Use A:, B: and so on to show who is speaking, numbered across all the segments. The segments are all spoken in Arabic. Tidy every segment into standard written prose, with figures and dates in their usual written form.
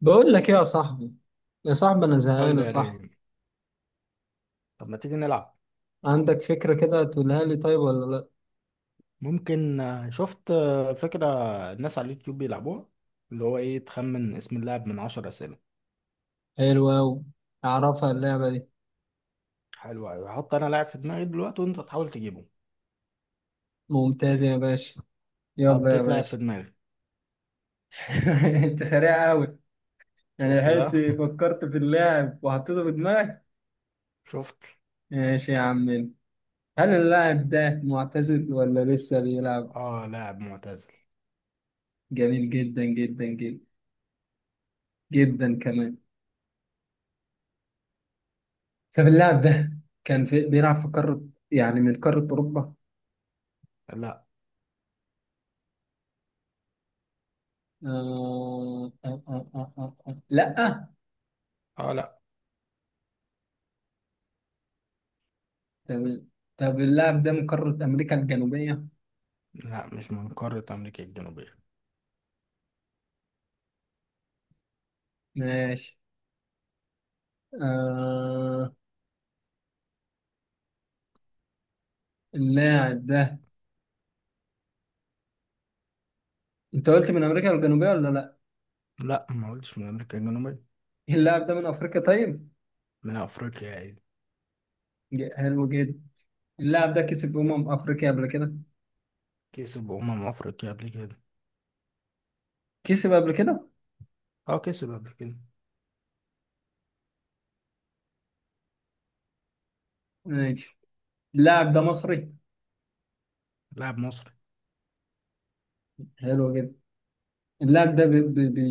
A: بقول لك ايه يا صاحبي، يا صاحبي انا
B: قول
A: زهقان
B: لي
A: يا
B: يا
A: صاحبي.
B: ريم. طب ما تيجي نلعب.
A: عندك فكرة كده تقولها لي طيب ولا لا؟
B: ممكن شفت فكرة الناس على اليوتيوب بيلعبوها اللي هو ايه تخمن اسم اللاعب من 10 أسئلة.
A: حلوة أوي، اعرفها اللعبة دي.
B: حلو أوي، هحط أنا لاعب في دماغي دلوقتي وأنت تحاول تجيبه.
A: ممتازة يا باشا، يلا يا
B: حطيت لاعب
A: باشا.
B: في دماغي.
A: انت سريع أوي، يعني
B: شفت
A: لحقت
B: بقى.
A: فكرت في اللاعب وحطيته في دماغك؟
B: شفت.
A: ماشي يا عم. هل اللاعب ده معتزل ولا لسه بيلعب؟
B: اه، لاعب معتزل.
A: جميل جدا جدا جدا، جدا كمان. طب اللاعب ده كان بيلعب في قارة، يعني من قارة أوروبا؟
B: لا.
A: لا.
B: اه، لا.
A: تمام. طب اللاعب ده من قارة أمريكا الجنوبية؟
B: لا، مش من قارة أمريكا الجنوبية.
A: ماشي. آه اللاعب ده، أنت قلت من أمريكا الجنوبية ولا لأ؟
B: لا ما قلتش من أمريكا الجنوبية.
A: اللاعب ده من أفريقيا طيب؟
B: من أفريقيا عادي.
A: حلو جدا. اللاعب ده كسب أمم أفريقيا قبل كده؟
B: كسب أمم أفريقيا قبل كده.
A: كسب قبل كده؟
B: اه، كسب قبل كده.
A: ماشي. اللاعب ده مصري؟
B: لاعب مصري.
A: حلو جدا. اللاعب ده بي بي بي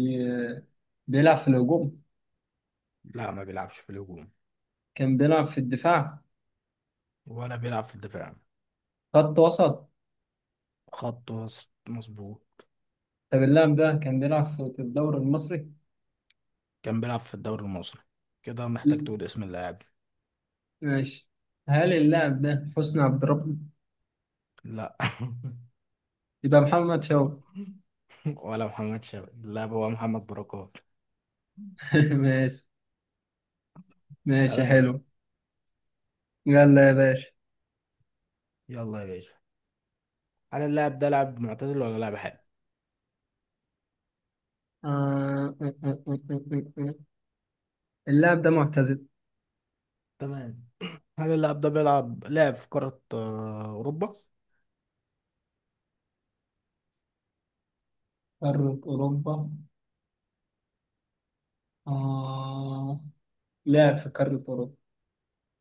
A: بيلعب في الهجوم؟
B: لا، ما بيلعبش في الهجوم.
A: كان بيلعب في الدفاع؟
B: ولا بيلعب في الدفاع.
A: خط وسط؟
B: خط وسط مظبوط.
A: طب اللاعب ده كان بيلعب في الدوري المصري؟
B: كان بيلعب في الدوري المصري. كده محتاج تقول اسم اللاعب.
A: ماشي. هل اللاعب ده حسني عبد ربه؟
B: لا.
A: يبقى محمد شوقي.
B: ولا محمد شوقي، اللاعب هو محمد بركات.
A: ماشي، ماشي
B: تمام.
A: حلو. يلا يا باشا.
B: يلا يا باشا. هل اللاعب ده لاعب معتزل ولا لاعب حالي؟
A: آه... آه، آه، آه، آه، آه. اللاعب ده معتزل.
B: تمام. هل اللاعب ده بيلعب لاعب في قارة أوروبا؟
A: قارة أوروبا، آه... لعب في قارة أوروبا.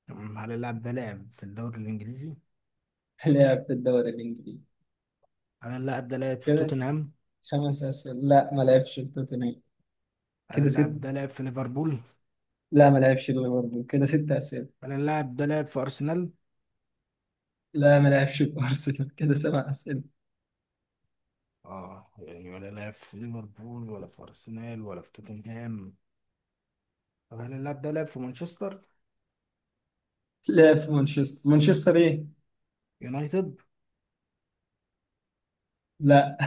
B: تمام. هل اللاعب ده لاعب في الدوري الإنجليزي؟
A: لعب في الدوري الإنجليزي.
B: هل اللاعب ده لاعب في
A: كده
B: توتنهام؟
A: 5 أسئلة. لا، ما لعبش في توتنهام.
B: هل
A: كده ست.
B: اللاعب ده لاعب في ليفربول؟
A: لا، ما لعبش في ليفربول، كده 6 أسئلة.
B: هل اللاعب ده لاعب في أرسنال؟
A: لا، ما لعبش في أرسنال. كده 7 أسئلة.
B: اه يعني ولا لعب في ليفربول ولا في ارسنال ولا في توتنهام. طب هل اللاعب ده لعب في مانشستر
A: لعب في مانشستر، مانشستر إيه؟
B: يونايتد؟
A: لا.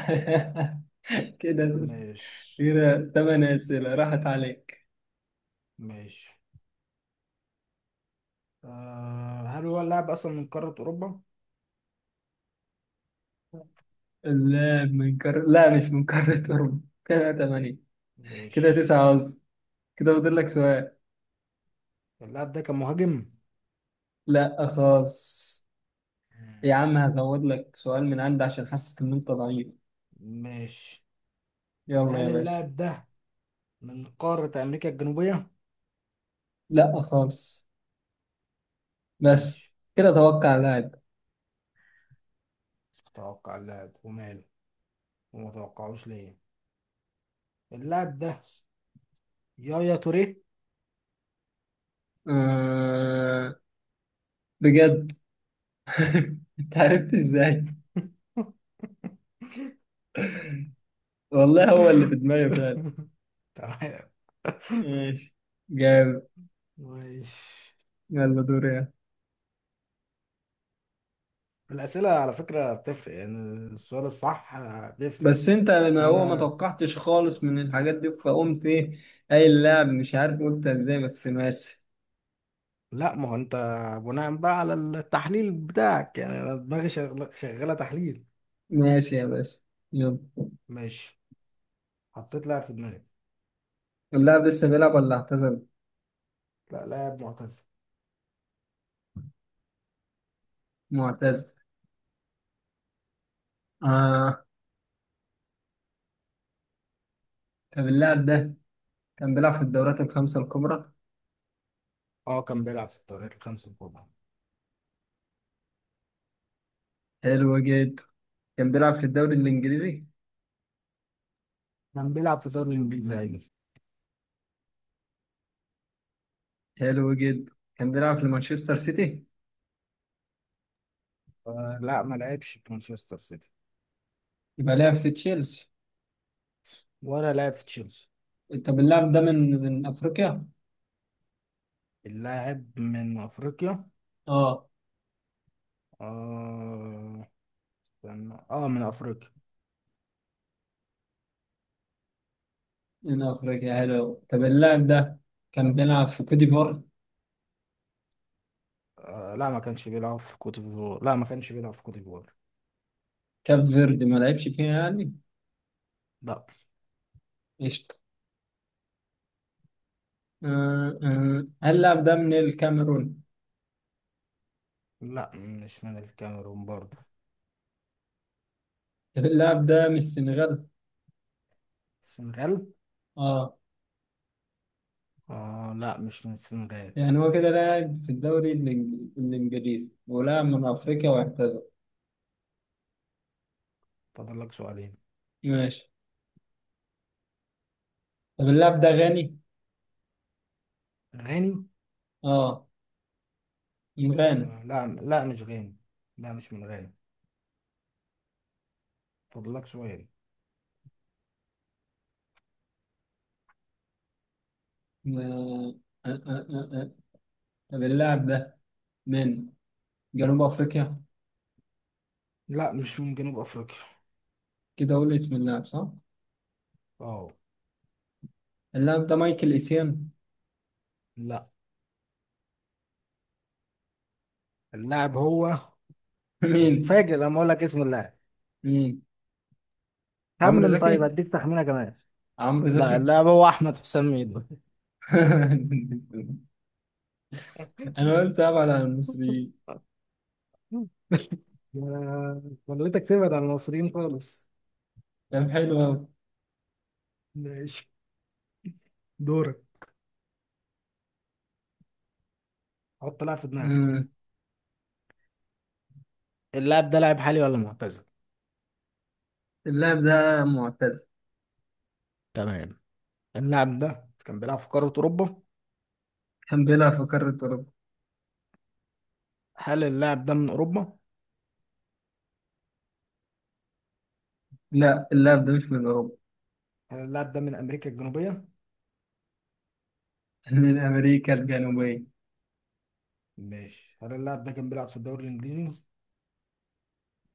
A: كده
B: مش.
A: كده 8 أسئلة راحت عليك.
B: مش هل هو اللاعب اصلا من قارة اوروبا؟
A: لا، مش من قارة أوروبا. كده تمانية، كده
B: مش.
A: تسعة قصدي. كده فاضل لك سؤال.
B: اللاعب ده كان مهاجم؟
A: لا خالص. يا عم هزود لك سؤال من عندي عشان حاسس إن أنت ضعيف.
B: مش.
A: يلا يا
B: هل
A: باشا.
B: اللاعب ده من قارة امريكا الجنوبية؟
A: لا خالص. بس
B: مش.
A: كده توقع لاعب.
B: توقع اللاعب وماله. وما توقعوش ليه. اللاعب ده يايا توريه.
A: آه... بجد. أنت عرفت إزاي؟ والله هو اللي في دماغي فعلا.
B: تمام.
A: ماشي، جامد.
B: ماشي.
A: يلا دوري.
B: الأسئلة على فكرة بتفرق يعني، السؤال الصح بيفرق.
A: بس انت ما هو ما
B: أنا.
A: توقعتش خالص من الحاجات دي فقمت ايه. اي اللاعب مش عارف قلت ازاي، بس ماشي.
B: لا ما هو أنت، بناء بقى على التحليل بتاعك يعني، أنا دماغي شغالة تحليل.
A: ماشي يا باشا، يلا.
B: ماشي. حطيت لاعب في دماغي.
A: اللاعب لسه بيلعب ولا اعتزل؟
B: لا، لاعب معتزل.
A: معتزل. اه. طب اللاعب ده كان بيلعب في الدورات الخمسة الكبرى؟
B: أه كان بيلعب في الدوريات الخمسة الكبرى.
A: حلو جدا. كان بيلعب في الدوري الانجليزي؟
B: كان بيلعب في الدوري الإنجليزي عادي.
A: حلو جدا، كان بيلعب في مانشستر سيتي؟
B: لا ما لعبش في مانشستر سيتي.
A: يبقى لعب في تشيلسي.
B: ولا لعب في تشيلسي.
A: طب اللاعب ده من افريقيا؟
B: اللاعب من أفريقيا.
A: اه.
B: آه. من أفريقيا.
A: من افريقيا، حلو. طب اللاعب ده كان بيلعب في كوت ديفوار؟
B: آه لا ما كانش بيلعب في كوت ديفوار، لا ما كانش بيلعب في كوت ديفوار.
A: كاب فيردي ما لعبش فيها يعني؟
B: لا.
A: قشطة. هل اللاعب ده من الكاميرون؟
B: لا، مش من الكاميرون برضه.
A: طب اللاعب ده من السنغال؟
B: السنغال.
A: اه.
B: لا مش من السنغال.
A: يعني هو كده لاعب في الدوري الإنجليزي ولاعب من أفريقيا واعتزل.
B: فاضل لك سؤالين.
A: ماشي. طب اللاعب ده غني؟
B: غاني.
A: اه، من غانا.
B: آه لا، لا مش غاني. لا مش من غاني. فاضل لك سؤال.
A: آه آه آه آه. آه. طب اللاعب ده من جنوب أفريقيا؟
B: لا مش من جنوب افريقيا.
A: كده أقول اسم اللاعب صح؟
B: اه.
A: اللاعب ده مايكل إيسيان.
B: لا، اللاعب هو.
A: مين؟
B: هتتفاجئ لما اقول لك اسم اللاعب.
A: مين؟ عمرو
B: خمن طيب،
A: زكي؟
B: هديك تخمينه كمان.
A: عمرو
B: لا،
A: زكي
B: اللاعب هو احمد حسام ميدو.
A: انا قلت ابعد عن المصريين.
B: خليتك تبعد عن المصريين خالص.
A: كان حلو قوي.
B: ماشي. دورك. حط لاعب في دماغك.
A: مم.
B: اللاعب ده لاعب حالي ولا معتزل؟
A: اللاعب ده معتزل.
B: تمام. اللاعب ده كان بيلعب في قارة أوروبا.
A: كان بيلعب في قارة أوروبا.
B: هل اللاعب ده من أوروبا؟
A: لا، اللاعب ده مش من أوروبا.
B: هل اللاعب ده من امريكا الجنوبيه؟
A: من امريكا الجنوبيه.
B: ماشي، هل اللاعب ده كان بيلعب في الدوري الانجليزي؟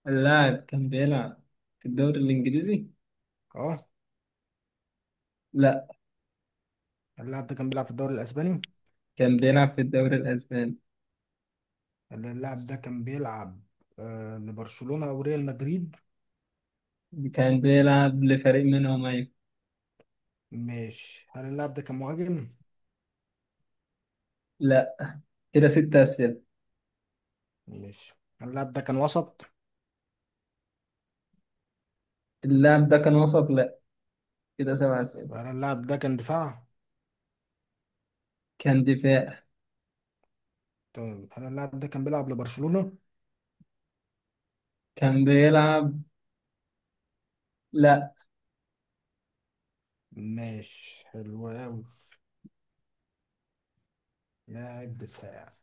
A: اللاعب كان بيلعب في الدوري الإنجليزي،
B: اه.
A: لا.
B: هل اللاعب ده كان بيلعب في الدوري الاسباني؟
A: كان بيلعب في الدوري الأسباني.
B: هل اللاعب ده كان بيلعب لبرشلونه او ريال مدريد؟
A: كان بيلعب لفريق منهم أيوة.
B: ماشي، هل اللاعب ده كان مهاجم؟
A: لا، كده 6 أسئلة.
B: ماشي، هل اللاعب ده كان وسط؟
A: اللاعب ده كان وسط، لا، كده 7 أسئلة.
B: هل اللاعب ده كان دفاع؟
A: كان دفاع.
B: طيب، هل اللاعب ده كان بيلعب لبرشلونه؟
A: كان بيلعب، لا.
B: ماشي، حلو أوي. لاعب دفاع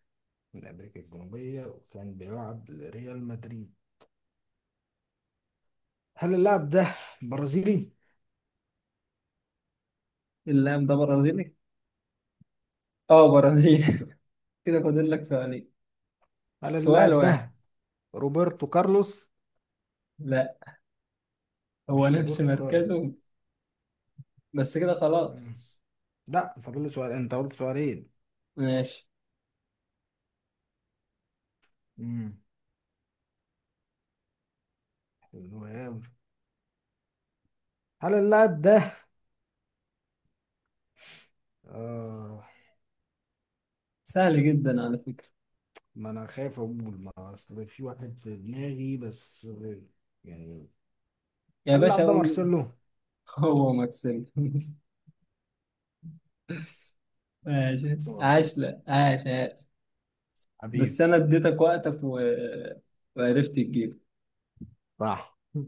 B: من أمريكا الجنوبية وكان بيلعب لريال مدريد. هل اللاعب ده برازيلي؟
A: اللاعب ده برازيلي. اه برازيلي. كده فاضل لك سؤالين.
B: هل
A: سؤال
B: اللاعب ده
A: واحد.
B: روبرتو كارلوس؟
A: لا، هو
B: مش
A: نفس
B: روبرتو كارلوس.
A: مركزه. بس كده
B: مم.
A: خلاص.
B: لا، فاضل لي سؤال، أنت قلت سؤالين.
A: ماشي.
B: مم. حلو أوي. هل اللاعب ده. آه
A: سهل جدا على فكرة.
B: ما أنا خايف أقول، ما أصل في واحد في دماغي بس يعني.
A: يا
B: هل
A: باشا
B: اللاعب ده
A: أقول.
B: مارسيلو؟
A: هو مارسيلو. ماشي،
B: صح.
A: عاش، لا عاش عاش.
B: حبيبي.
A: بس أنا اديتك وقتك وعرفت تجيب.
B: صح.